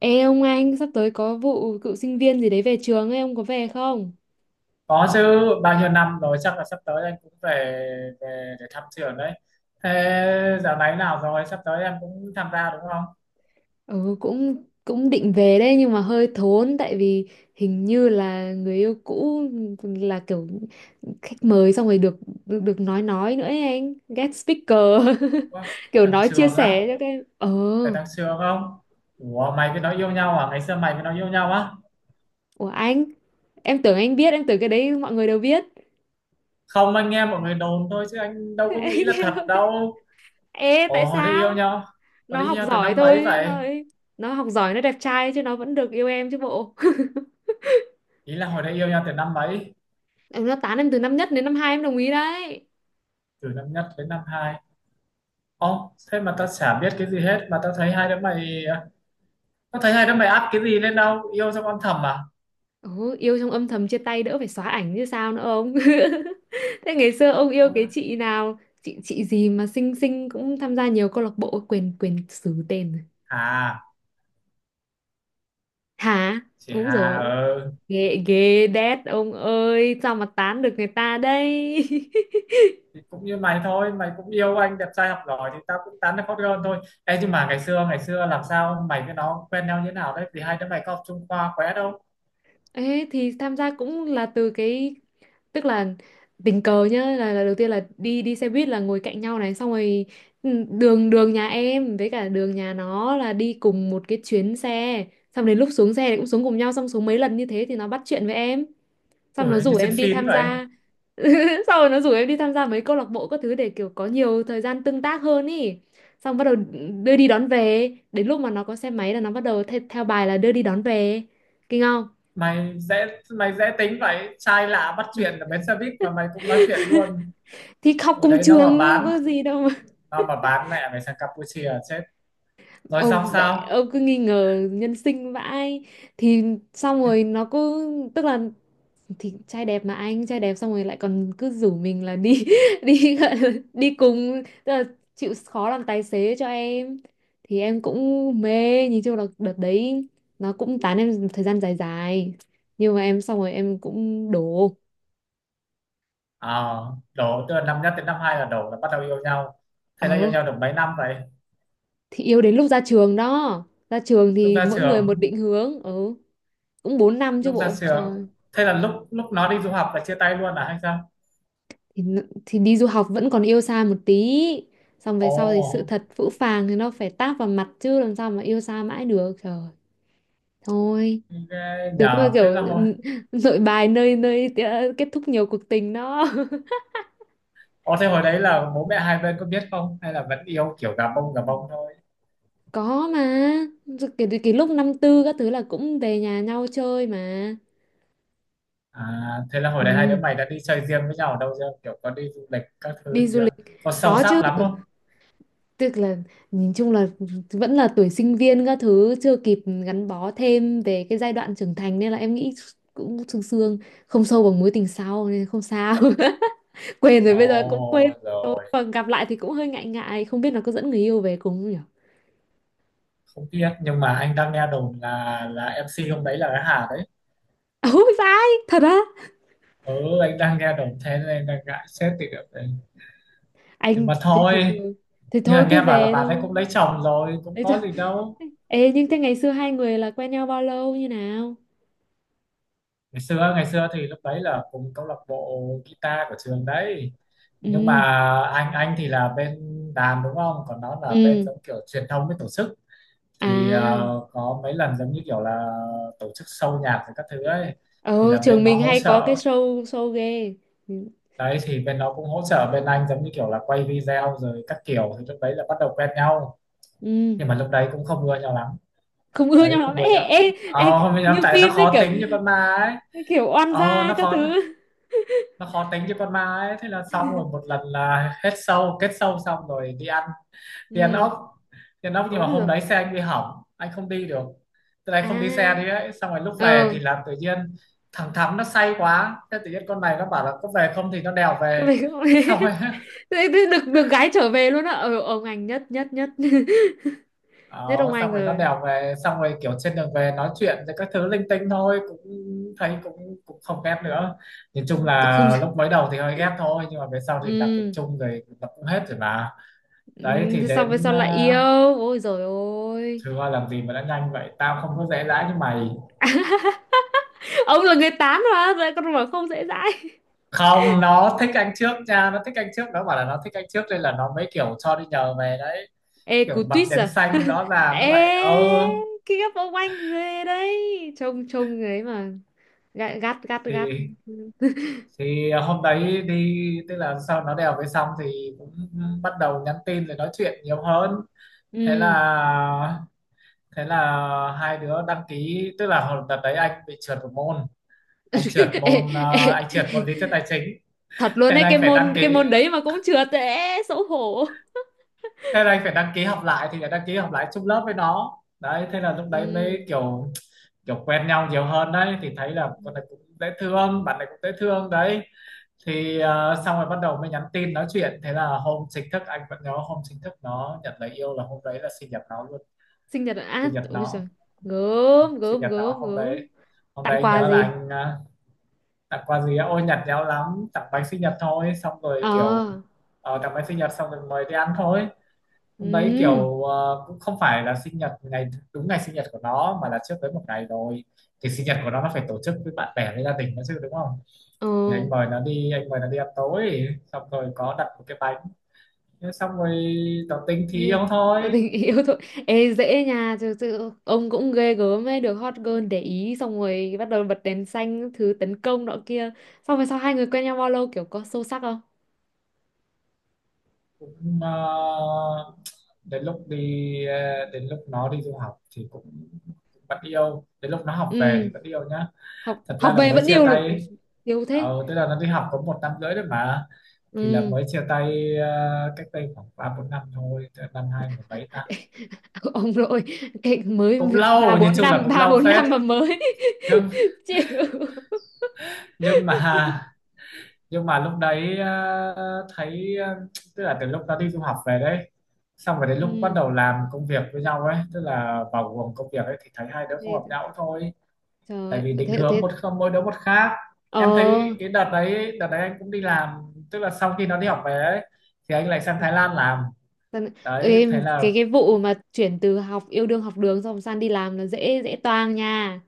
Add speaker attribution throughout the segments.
Speaker 1: Ê ông anh, sắp tới có vụ cựu sinh viên gì đấy về trường ấy, ông có về không?
Speaker 2: Có chứ, bao nhiêu năm rồi chắc là sắp tới anh cũng về về để thăm trường đấy. Thế dạo này nào rồi, sắp tới em cũng tham gia đúng không?
Speaker 1: Ừ, cũng cũng định về đấy nhưng mà hơi thốn tại vì hình như là người yêu cũ là kiểu khách mời xong rồi được được, được nói nữa ấy anh, guest speaker.
Speaker 2: Ủa,
Speaker 1: Kiểu
Speaker 2: thằng
Speaker 1: nói chia
Speaker 2: trường á,
Speaker 1: sẻ cho cái
Speaker 2: phải thằng trường không? Ủa, mày với nó yêu nhau à? Ngày xưa mày với nó yêu nhau á?
Speaker 1: của anh, em tưởng anh biết, em tưởng cái đấy mọi người đều biết.
Speaker 2: Không, anh nghe mọi người đồn thôi chứ anh đâu có nghĩ là
Speaker 1: Anh
Speaker 2: thật
Speaker 1: em-
Speaker 2: đâu.
Speaker 1: Ê,
Speaker 2: Ồ,
Speaker 1: tại
Speaker 2: hồi đấy yêu
Speaker 1: sao?
Speaker 2: nhau, hồi
Speaker 1: Nó
Speaker 2: đấy yêu
Speaker 1: học
Speaker 2: nhau từ
Speaker 1: giỏi
Speaker 2: năm
Speaker 1: thôi
Speaker 2: mấy
Speaker 1: chứ nó
Speaker 2: vậy?
Speaker 1: nó học giỏi, nó đẹp trai chứ nó vẫn được yêu em chứ bộ.
Speaker 2: Ý là hồi đấy yêu nhau từ năm mấy?
Speaker 1: Em, nó tán em từ năm nhất đến năm hai em đồng ý đấy.
Speaker 2: Từ năm nhất đến năm hai. Ồ, thế mà tao chả biết cái gì hết, mà tao thấy hai đứa mày à, có thấy hai đứa mày up cái gì lên đâu, yêu xong âm thầm à?
Speaker 1: Ồ, yêu trong âm thầm chia tay đỡ phải xóa ảnh như sao nữa ông. Thế ngày xưa ông yêu
Speaker 2: Ôi,
Speaker 1: cái chị nào? Chị gì mà xinh xinh cũng tham gia nhiều câu lạc bộ, quên quên xứ tên rồi.
Speaker 2: Hà
Speaker 1: Hả?
Speaker 2: chị
Speaker 1: Đúng
Speaker 2: Hà
Speaker 1: rồi.
Speaker 2: ừ,
Speaker 1: Ghê ghê đét ông ơi, sao mà tán được người ta đây?
Speaker 2: thì cũng như mày thôi, mày cũng yêu anh đẹp trai học giỏi thì tao cũng tán được hot girl thôi. Ê, nhưng mà ngày xưa làm sao mày với nó quen nhau như thế nào đấy, vì hai đứa mày có học chung khoa quá đâu?
Speaker 1: Ê, thì tham gia cũng là từ cái, tức là tình cờ nhá, là đầu tiên là đi đi xe buýt là ngồi cạnh nhau này, xong rồi đường đường nhà em với cả đường nhà nó là đi cùng một cái chuyến xe, xong đến lúc xuống xe thì cũng xuống cùng nhau, xong xuống mấy lần như thế thì nó bắt chuyện với em,
Speaker 2: Ủa
Speaker 1: xong nó rủ
Speaker 2: như trên
Speaker 1: em đi
Speaker 2: phim
Speaker 1: tham
Speaker 2: vậy.
Speaker 1: gia. Xong rồi nó rủ em đi tham gia mấy câu lạc bộ các thứ để kiểu có nhiều thời gian tương tác hơn ý, xong bắt đầu đưa đi đón về, đến lúc mà nó có xe máy là nó bắt đầu theo bài là đưa đi đón về, kinh không?
Speaker 2: Mày dễ tính vậy, trai lạ bắt chuyện ở bến xe buýt mà mày cũng nói chuyện luôn.
Speaker 1: Thì học
Speaker 2: Ở
Speaker 1: cùng
Speaker 2: đấy nó mà
Speaker 1: trường chứ
Speaker 2: bán
Speaker 1: có gì đâu mà.
Speaker 2: nó mà bán mẹ mày sang Campuchia là chết. Rồi xong
Speaker 1: Ông vậy,
Speaker 2: sao?
Speaker 1: ông cứ nghi ngờ nhân sinh vãi. Thì xong rồi nó cứ, tức là, thì trai đẹp mà, anh trai đẹp xong rồi lại còn cứ rủ mình là đi đi, gọi là đi cùng, tức là chịu khó làm tài xế cho em, thì em cũng mê. Nhìn chung là đợt đấy nó cũng tán em thời gian dài dài, nhưng mà em xong rồi em cũng đổ.
Speaker 2: Ờ, đổ tức là năm nhất đến năm hai là đổ, là bắt đầu yêu nhau. Thế là
Speaker 1: Ờ,
Speaker 2: yêu nhau được mấy năm vậy?
Speaker 1: thì yêu đến lúc ra trường đó, ra trường
Speaker 2: lúc
Speaker 1: thì
Speaker 2: ra
Speaker 1: mỗi người một
Speaker 2: trường
Speaker 1: định hướng. Ừ, cũng 4 năm chứ
Speaker 2: lúc ra
Speaker 1: bộ
Speaker 2: trường
Speaker 1: trời.
Speaker 2: thế là lúc lúc nó đi du học là chia tay luôn à hay sao?
Speaker 1: Thì đi du học vẫn còn yêu xa một tí, xong về
Speaker 2: Ồ,
Speaker 1: sau thì sự thật phũ phàng thì nó phải táp vào mặt chứ làm sao mà yêu xa mãi được trời. Thôi,
Speaker 2: ghê
Speaker 1: đúng là
Speaker 2: nhờ. Thế là
Speaker 1: kiểu
Speaker 2: hồi
Speaker 1: nội bài nơi nơi tía- kết thúc nhiều cuộc tình đó.
Speaker 2: Ồ, thế hồi đấy là bố mẹ hai bên có biết không, hay là vẫn yêu kiểu gà bông thôi?
Speaker 1: Có mà, rồi kể từ cái lúc năm tư các thứ là cũng về nhà nhau chơi mà.
Speaker 2: À, thế là hồi đấy hai
Speaker 1: Ừ,
Speaker 2: đứa mày đã đi chơi riêng với nhau ở đâu chưa, kiểu có đi du lịch các thứ
Speaker 1: đi
Speaker 2: gì
Speaker 1: du
Speaker 2: chưa?
Speaker 1: lịch,
Speaker 2: Có sâu
Speaker 1: có chứ.
Speaker 2: sắc lắm không?
Speaker 1: Tức là nhìn chung là vẫn là tuổi sinh viên các thứ, chưa kịp gắn bó thêm về cái giai đoạn trưởng thành nên là em nghĩ cũng sương sương, không sâu bằng mối tình sau nên không sao. Quên rồi, bây giờ cũng quên
Speaker 2: Ồ,
Speaker 1: rồi,
Speaker 2: rồi.
Speaker 1: còn gặp lại thì cũng hơi ngại ngại, không biết là có dẫn người yêu về cùng không nhỉ.
Speaker 2: Không biết, nhưng mà anh đang nghe đồn là MC hôm đấy là cái Hà đấy,
Speaker 1: Ôi sai, thật á?
Speaker 2: ừ, anh đang nghe đồng thế nên anh đang ngại xét thì được đấy. Nhưng
Speaker 1: Anh
Speaker 2: mà
Speaker 1: thế thì
Speaker 2: thôi,
Speaker 1: thôi, thì
Speaker 2: nhưng
Speaker 1: thôi
Speaker 2: mà
Speaker 1: cứ
Speaker 2: nghe bảo là
Speaker 1: về
Speaker 2: bạn ấy
Speaker 1: thôi.
Speaker 2: cũng lấy chồng rồi, cũng
Speaker 1: Đấy thôi,
Speaker 2: có gì đâu.
Speaker 1: ê nhưng thế ngày xưa hai người là quen nhau bao lâu, như nào?
Speaker 2: Ngày xưa thì lúc đấy là cùng câu lạc bộ guitar của trường đấy, nhưng mà
Speaker 1: Ừ.
Speaker 2: anh thì là bên đàn đúng không, còn nó là bên
Speaker 1: Ừ.
Speaker 2: giống kiểu truyền thông với tổ chức.
Speaker 1: À.
Speaker 2: Thì có mấy lần giống như kiểu là tổ chức show nhạc và các thứ ấy, thì
Speaker 1: Ờ,
Speaker 2: là bên
Speaker 1: trường
Speaker 2: nó
Speaker 1: mình
Speaker 2: hỗ
Speaker 1: hay có cái
Speaker 2: trợ.
Speaker 1: show show ghê.
Speaker 2: Đấy, thì bên nó cũng hỗ trợ bên anh giống như kiểu là quay video rồi các kiểu, thì lúc đấy là bắt đầu quen nhau.
Speaker 1: Ừ.
Speaker 2: Nhưng mà lúc đấy cũng không ưa nhau lắm.
Speaker 1: Không ưa nhau
Speaker 2: Đấy,
Speaker 1: lắm.
Speaker 2: không ưa
Speaker 1: Ê,
Speaker 2: nhau.
Speaker 1: ê, ê,
Speaker 2: Không ưa
Speaker 1: như
Speaker 2: nhau tại nó
Speaker 1: phim đấy
Speaker 2: khó
Speaker 1: kiểu,
Speaker 2: tính như con ma ấy.
Speaker 1: kiểu oan
Speaker 2: ờ
Speaker 1: gia
Speaker 2: nó
Speaker 1: các
Speaker 2: khó
Speaker 1: thứ.
Speaker 2: nó khó tính như con ma ấy. Thế là xong rồi một lần là hết sâu kết sâu xong rồi đi ăn, đi ăn
Speaker 1: Ừ.
Speaker 2: ốc đi ăn ốc nhưng
Speaker 1: Ủa
Speaker 2: mà
Speaker 1: bây
Speaker 2: hôm
Speaker 1: giờ
Speaker 2: đấy xe anh bị hỏng, anh không đi được, từ đây không đi xe đi
Speaker 1: ai?
Speaker 2: ấy. Xong rồi lúc về
Speaker 1: Ờ,
Speaker 2: thì là tự nhiên thằng Thắm nó say quá, thế tự nhiên con này nó bảo là có về không, thì nó đèo
Speaker 1: cái
Speaker 2: về.
Speaker 1: về.
Speaker 2: Xong rồi
Speaker 1: Thế- thế được được gái trở về luôn á. Ờ, ông anh nhất nhất nhất. Nhất ông
Speaker 2: Đó,
Speaker 1: anh
Speaker 2: xong rồi nó
Speaker 1: rồi.
Speaker 2: đèo về, xong rồi kiểu trên đường về nói chuyện rồi các thứ linh tinh thôi, cũng thấy cũng cũng không ghét nữa. Nhìn chung
Speaker 1: Tôi
Speaker 2: là
Speaker 1: không.
Speaker 2: lúc mới đầu thì hơi ghét thôi, nhưng mà về sau thì làm việc
Speaker 1: Ừ.
Speaker 2: chung rồi nó cũng hết rồi mà. Đấy,
Speaker 1: Ừ,
Speaker 2: thì
Speaker 1: thế xong về
Speaker 2: đến
Speaker 1: sau lại yêu. Ôi rồi ôi.
Speaker 2: thưa, làm gì mà đã nhanh vậy, tao không có dễ dãi như mày.
Speaker 1: Ông là người tán mà, rồi con mà không dễ dãi.
Speaker 2: Không, nó thích anh trước nha, nó thích anh trước, nó bảo là nó thích anh trước nên là nó mới kiểu cho đi nhờ về đấy,
Speaker 1: Ê
Speaker 2: kiểu
Speaker 1: cú
Speaker 2: bật
Speaker 1: tuyết
Speaker 2: đèn
Speaker 1: à.
Speaker 2: xanh rõ ràng vậy,
Speaker 1: Ê,
Speaker 2: ừ.
Speaker 1: cái gấp ông anh người đấy, Trông trông người ấy mà, gắt gắt gắt gắt.
Speaker 2: Thì thì à, hôm đấy đi tức là sau nó đèo về xong thì cũng bắt đầu nhắn tin rồi nói chuyện nhiều hơn. thế
Speaker 1: Ừ.
Speaker 2: là thế là hai đứa đăng ký, tức là hồi đợt đấy anh bị trượt một môn, anh trượt
Speaker 1: Ê,
Speaker 2: môn
Speaker 1: ê,
Speaker 2: ờ, anh trượt môn lý thuyết tài chính.
Speaker 1: thật luôn
Speaker 2: Thế
Speaker 1: đấy,
Speaker 2: là
Speaker 1: cái
Speaker 2: anh phải đăng
Speaker 1: môn, cái
Speaker 2: ký
Speaker 1: môn đấy mà cũng trượt, ê xấu hổ.
Speaker 2: thế là anh phải đăng ký học lại, thì phải đăng ký học lại chung lớp với nó đấy, thế là lúc đấy
Speaker 1: Ừ.
Speaker 2: mới kiểu kiểu quen nhau nhiều hơn đấy, thì thấy là con này cũng dễ thương, bạn này cũng dễ thương đấy. Thì xong rồi bắt đầu mới nhắn tin nói chuyện, thế là hôm chính thức, anh vẫn nhớ hôm chính thức nó nhận lời yêu là hôm đấy là sinh nhật nó luôn.
Speaker 1: Sinh nhật á?
Speaker 2: sinh nhật
Speaker 1: Ôi
Speaker 2: nó
Speaker 1: giời. Gớm
Speaker 2: sinh
Speaker 1: gớm
Speaker 2: nhật nó
Speaker 1: gớm
Speaker 2: hôm
Speaker 1: gớm.
Speaker 2: đấy. Hôm
Speaker 1: Tặng
Speaker 2: đấy
Speaker 1: quà
Speaker 2: nhớ là
Speaker 1: gì?
Speaker 2: anh tặng quà gì á? Ôi nhặt nhẽo lắm, tặng bánh sinh nhật thôi, xong rồi kiểu
Speaker 1: Ờ.
Speaker 2: tặng bánh sinh nhật xong rồi mời đi ăn thôi. Hôm đấy
Speaker 1: Ừ.
Speaker 2: kiểu cũng không phải là sinh nhật ngày đúng ngày sinh nhật của nó, mà là trước đấy một ngày rồi. Thì sinh nhật của nó phải tổ chức với bạn bè với gia đình nó chứ, đúng không?
Speaker 1: Ờ.
Speaker 2: Thì anh mời nó đi ăn tối, xong rồi có đặt một cái bánh. Thế xong rồi tỏ tình thì yêu
Speaker 1: Nên là
Speaker 2: thôi.
Speaker 1: tình yêu thôi. Ê dễ nha, thực sự ông cũng ghê gớm ấy, được hot girl để ý xong rồi bắt đầu bật đèn xanh các thứ tấn công nọ kia. Xong rồi sau hai người quen nhau bao lâu, kiểu có sâu sắc không?
Speaker 2: Cũng đến lúc đi đến lúc nó đi du học thì cũng vẫn yêu, đến lúc nó học về thì
Speaker 1: Ừ,
Speaker 2: vẫn yêu nhá,
Speaker 1: học,
Speaker 2: thật ra
Speaker 1: học
Speaker 2: là
Speaker 1: về
Speaker 2: mới
Speaker 1: vẫn
Speaker 2: chia
Speaker 1: yêu
Speaker 2: tay
Speaker 1: luôn. Ui,
Speaker 2: ấy.
Speaker 1: yêu thế.
Speaker 2: Tức là nó đi học có 1,5 năm đấy mà, thì là
Speaker 1: Ừ.
Speaker 2: mới chia tay, cách đây khoảng ba bốn năm thôi, tức là năm hai mười bảy ta.
Speaker 1: Ông nội, cái mới
Speaker 2: Cũng
Speaker 1: ba
Speaker 2: lâu, nhìn
Speaker 1: bốn
Speaker 2: chung là
Speaker 1: năm
Speaker 2: cũng
Speaker 1: ba
Speaker 2: lâu
Speaker 1: bốn
Speaker 2: phết.
Speaker 1: năm mà mới.
Speaker 2: nhưng
Speaker 1: Chịu.
Speaker 2: nhưng mà nhưng mà lúc đấy thấy, tức là từ lúc nó đi du học về đấy, xong rồi đến lúc bắt
Speaker 1: Ừ
Speaker 2: đầu làm công việc với nhau ấy, tức là vào guồng công việc ấy thì thấy hai đứa không
Speaker 1: thì,
Speaker 2: hợp nhau thôi.
Speaker 1: trời
Speaker 2: Tại vì
Speaker 1: ơi,
Speaker 2: định
Speaker 1: thế
Speaker 2: hướng
Speaker 1: thế.
Speaker 2: một không mỗi đứa một khác.
Speaker 1: Ờ.
Speaker 2: Em thấy cái đợt đấy anh cũng đi làm, tức là sau khi nó đi học về ấy thì anh lại sang Thái Lan làm.
Speaker 1: Dân-.
Speaker 2: Đấy,
Speaker 1: Ê,
Speaker 2: thế là
Speaker 1: cái vụ mà chuyển từ học, yêu đương học đường xong sang đi làm là dễ dễ toang nha.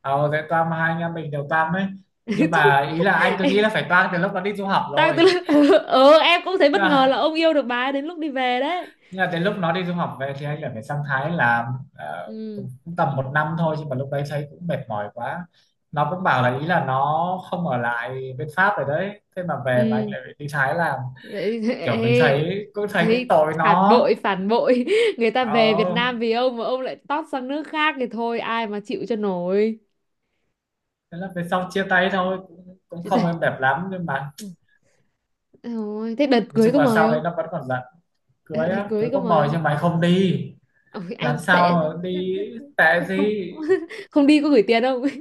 Speaker 2: ờ thế Toan, hai anh em mình đều Toan ấy. Nhưng
Speaker 1: Thôi,
Speaker 2: mà ý là anh cứ
Speaker 1: ê,
Speaker 2: nghĩ là phải Toan từ lúc nó đi du học
Speaker 1: toang từ
Speaker 2: rồi.
Speaker 1: lúc- ừ em cũng thấy bất
Speaker 2: nhưng
Speaker 1: ngờ là
Speaker 2: mà
Speaker 1: ông yêu được bà ấy đến lúc đi về đấy.
Speaker 2: Nhưng mà tới lúc nó đi du học về thì anh lại phải sang Thái làm.
Speaker 1: Ừ.
Speaker 2: Cũng, tầm một năm thôi, nhưng mà lúc đấy thấy cũng mệt mỏi quá. Nó cũng bảo là, ý là nó không ở lại bên Pháp rồi đấy, thế mà về mà anh
Speaker 1: Ừ
Speaker 2: lại phải đi Thái làm,
Speaker 1: vậy.
Speaker 2: kiểu mình
Speaker 1: Ê,
Speaker 2: thấy cũng
Speaker 1: thấy
Speaker 2: tội nó.
Speaker 1: phản bội người ta về Việt Nam
Speaker 2: ờ,
Speaker 1: vì ông mà ông lại tót sang nước khác thì thôi ai mà chịu cho nổi.
Speaker 2: Thế là về sau chia tay thôi, cũng
Speaker 1: Chứ
Speaker 2: không
Speaker 1: đây-.
Speaker 2: êm đẹp lắm, nhưng mà
Speaker 1: Ừ. Ôi, thế đợt
Speaker 2: nói
Speaker 1: cưới
Speaker 2: chung
Speaker 1: có
Speaker 2: là
Speaker 1: mời
Speaker 2: sau đấy
Speaker 1: không?
Speaker 2: nó vẫn còn giận.
Speaker 1: đợt,
Speaker 2: Cưới
Speaker 1: đợt
Speaker 2: á,
Speaker 1: cưới
Speaker 2: cưới
Speaker 1: có
Speaker 2: có
Speaker 1: mời
Speaker 2: mời
Speaker 1: không?
Speaker 2: nhưng mày không đi,
Speaker 1: Ôi
Speaker 2: làm
Speaker 1: anh tệ
Speaker 2: sao
Speaker 1: thế.
Speaker 2: mà đi. Tệ
Speaker 1: Thế không
Speaker 2: gì,
Speaker 1: không đi có gửi tiền không?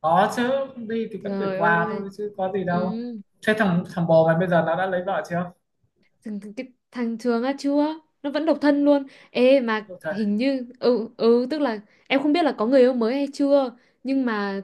Speaker 2: có chứ, đi thì vẫn gửi
Speaker 1: Trời
Speaker 2: quà
Speaker 1: ơi.
Speaker 2: thôi chứ có gì đâu.
Speaker 1: Ừ.
Speaker 2: Thế thằng thằng bồ mày bây giờ nó đã lấy vợ chưa?
Speaker 1: thằng, thằng- cái thằng Trường á, chưa, nó vẫn độc thân luôn. Ê mà
Speaker 2: Ôi trời,
Speaker 1: hình như, ừ ừ, tức là em không biết là có người yêu mới hay chưa, nhưng mà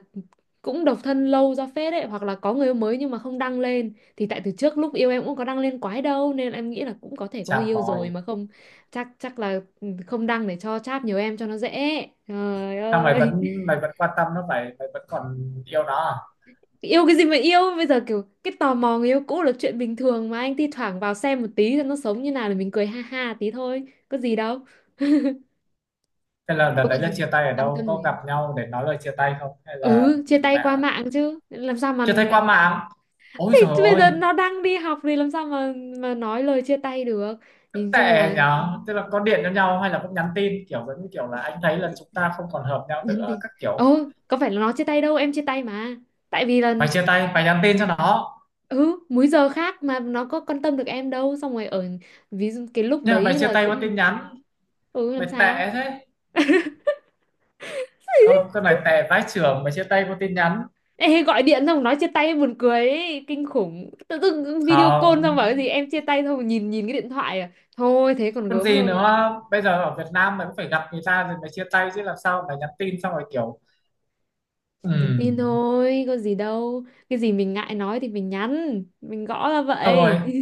Speaker 1: cũng độc thân lâu ra phết đấy. Hoặc là có người yêu mới nhưng mà không đăng lên, thì tại từ trước lúc yêu em cũng có đăng lên quái đâu, nên em nghĩ là cũng có thể có
Speaker 2: chà
Speaker 1: người yêu
Speaker 2: bòi,
Speaker 1: rồi mà không, chắc chắc là không đăng để cho chát nhiều em cho nó dễ. Trời
Speaker 2: sao mày
Speaker 1: ơi,
Speaker 2: vẫn mày vẫn quan tâm nó vậy, mày vẫn còn yêu nó à?
Speaker 1: yêu cái gì mà yêu bây giờ, kiểu cái tò mò người yêu cũ là chuyện bình thường mà anh. Thi thoảng vào xem một tí cho nó sống như nào, là mình cười ha ha tí thôi, có gì đâu.
Speaker 2: Thế là đợt
Speaker 1: Đâu có
Speaker 2: đấy
Speaker 1: gì,
Speaker 2: là chia tay ở
Speaker 1: quan
Speaker 2: đâu,
Speaker 1: tâm
Speaker 2: có gặp
Speaker 1: gì.
Speaker 2: nhau để nói lời chia tay không hay là?
Speaker 1: Ừ, chia tay
Speaker 2: Mẹ,
Speaker 1: qua mạng chứ làm sao mà
Speaker 2: chia tay qua
Speaker 1: gặp được.
Speaker 2: mạng, ôi trời
Speaker 1: Thì bây
Speaker 2: ơi,
Speaker 1: giờ nó đang đi học thì làm sao mà nói lời chia tay được.
Speaker 2: rất
Speaker 1: Nhìn chung
Speaker 2: tệ
Speaker 1: là
Speaker 2: nhở. Tức là có điện cho nhau hay là cũng nhắn tin kiểu giống như kiểu là anh thấy là chúng ta không còn hợp nhau
Speaker 1: nhân
Speaker 2: nữa
Speaker 1: tình.
Speaker 2: các kiểu?
Speaker 1: Ồ, có phải là nó chia tay đâu, em chia tay mà, tại vì là,
Speaker 2: Mày chia tay mày nhắn tin cho nó?
Speaker 1: ừ, múi giờ khác mà nó có quan tâm được em đâu, xong rồi ở, ví dụ cái lúc
Speaker 2: Nhưng mà mày
Speaker 1: đấy
Speaker 2: chia
Speaker 1: là
Speaker 2: tay qua tin
Speaker 1: cũng.
Speaker 2: nhắn,
Speaker 1: Ừ, làm
Speaker 2: mày
Speaker 1: sao.
Speaker 2: tệ thế. Ơ, con này tè vãi chưởng mà chia tay có tin nhắn?
Speaker 1: Ê, gọi điện xong nói chia tay buồn cười ấy, kinh khủng, tự dưng video call
Speaker 2: Không,
Speaker 1: xong bảo cái gì, em chia tay, xong rồi nhìn nhìn cái điện thoại à? Thôi thế còn
Speaker 2: con
Speaker 1: gớm
Speaker 2: gì
Speaker 1: hơn.
Speaker 2: nữa, bây giờ ở Việt Nam mày cũng phải gặp người ta rồi mày chia tay chứ, làm sao mày nhắn tin xong rồi kiểu
Speaker 1: Thì nhắn tin
Speaker 2: ừm
Speaker 1: thôi có gì đâu, cái gì mình ngại nói thì mình nhắn, mình gõ ra
Speaker 2: thôi
Speaker 1: vậy.
Speaker 2: rồi,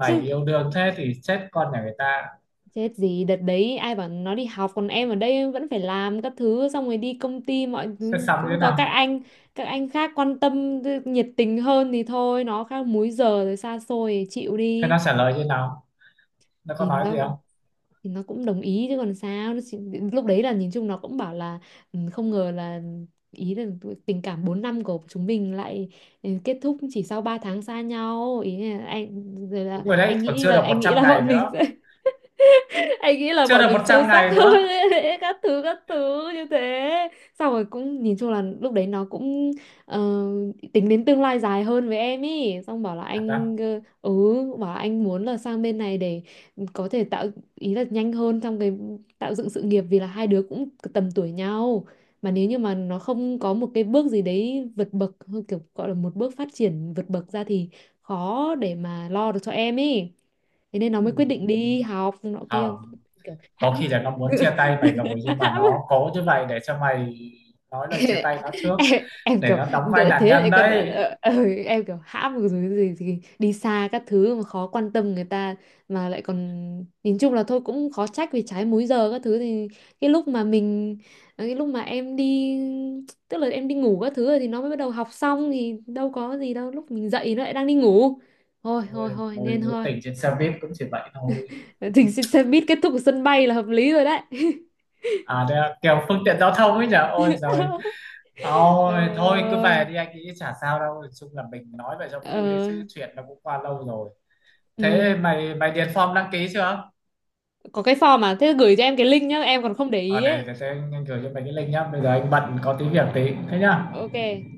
Speaker 1: Chứ
Speaker 2: yêu đương thế thì chết con nhà người ta.
Speaker 1: chết gì, đợt đấy ai bảo nó đi học còn em ở đây vẫn phải làm các thứ, xong rồi đi công ty mọi
Speaker 2: Sẽ
Speaker 1: thứ
Speaker 2: xong như thế
Speaker 1: cũng có các
Speaker 2: nào?
Speaker 1: anh, các anh khác quan tâm nhiệt tình hơn thì thôi, nó khác múi giờ rồi xa xôi thì chịu
Speaker 2: Thế
Speaker 1: đi.
Speaker 2: nó trả lời như thế nào, nó có
Speaker 1: Thì
Speaker 2: nói
Speaker 1: nó,
Speaker 2: gì không?
Speaker 1: thì nó cũng đồng ý chứ còn sao, nó chỉ, lúc đấy là nhìn chung nó cũng bảo là: "Ừ, không ngờ là, ý là tình cảm 4 năm của chúng mình lại, ừ, kết thúc chỉ sau 3 tháng xa nhau", ý là anh, rồi là
Speaker 2: Đúng rồi đấy,
Speaker 1: anh
Speaker 2: còn
Speaker 1: nghĩ
Speaker 2: chưa
Speaker 1: là,
Speaker 2: được một
Speaker 1: anh nghĩ
Speaker 2: trăm
Speaker 1: là
Speaker 2: ngày
Speaker 1: bọn mình
Speaker 2: nữa,
Speaker 1: sẽ, anh nghĩ là
Speaker 2: chưa
Speaker 1: bọn
Speaker 2: được
Speaker 1: mình
Speaker 2: một
Speaker 1: sâu
Speaker 2: trăm
Speaker 1: sắc
Speaker 2: ngày
Speaker 1: hơn
Speaker 2: nữa,
Speaker 1: ấy, các thứ như thế. Xong rồi cũng nhìn chung là lúc đấy nó cũng, ờ, tính đến tương lai dài hơn với em ý, xong bảo là
Speaker 2: thật á?
Speaker 1: anh, bảo là anh muốn là sang bên này để có thể tạo, ý là nhanh hơn trong cái tạo dựng sự nghiệp, vì là hai đứa cũng tầm tuổi nhau, mà nếu như mà nó không có một cái bước gì đấy vượt bậc, kiểu gọi là một bước phát triển vượt bậc ra, thì khó để mà lo được cho em ý, thế nên nó mới quyết
Speaker 2: Ừm,
Speaker 1: định đi học nọ kia,
Speaker 2: không,
Speaker 1: kiểu
Speaker 2: có
Speaker 1: hãm.
Speaker 2: khi là nó muốn chia tay mày rồi nhưng mà
Speaker 1: Hãm.
Speaker 2: nó cố như vậy để cho mày nói lời chia
Speaker 1: em,
Speaker 2: tay nó trước,
Speaker 1: em em
Speaker 2: để
Speaker 1: kiểu:
Speaker 2: nó đóng vai
Speaker 1: "
Speaker 2: nạn
Speaker 1: thế
Speaker 2: nhân
Speaker 1: lại còn
Speaker 2: đấy.
Speaker 1: em kiểu hãm rồi, cái gì thì đi xa các thứ mà khó quan tâm người ta mà lại còn. Nhìn chung là thôi, cũng khó trách vì trái múi giờ các thứ, thì cái lúc mà mình, ờ, cái lúc mà em đi, tức là em đi ngủ các thứ rồi thì nó mới bắt đầu học xong, thì đâu có gì đâu, lúc mình dậy nó lại đang đi ngủ. Thôi thôi
Speaker 2: Ôi,
Speaker 1: thôi
Speaker 2: mối
Speaker 1: nên
Speaker 2: mối
Speaker 1: thôi.
Speaker 2: tình trên xe buýt cũng chỉ vậy thôi.
Speaker 1: Thì xin, xe buýt kết thúc ở sân bay là hợp lý rồi đấy.
Speaker 2: À đây là kiểu phương tiện giao thông ấy nhở, ôi rồi. Ôi
Speaker 1: Trời
Speaker 2: thôi cứ về
Speaker 1: ơi.
Speaker 2: đi, anh nghĩ chả sao đâu. Nói chung là mình nói vậy cho vui đấy
Speaker 1: Ờ,
Speaker 2: chứ chuyện nó cũng qua lâu rồi. Thế
Speaker 1: ừ.
Speaker 2: mày mày điền form đăng ký chưa?
Speaker 1: Có cái form mà, thế gửi cho em cái link nhá, em còn không để
Speaker 2: ờ
Speaker 1: ý
Speaker 2: để,
Speaker 1: ấy.
Speaker 2: để, để anh gửi cho mày cái link nhá, bây giờ anh bận có tí việc tí thế nhá.
Speaker 1: OK.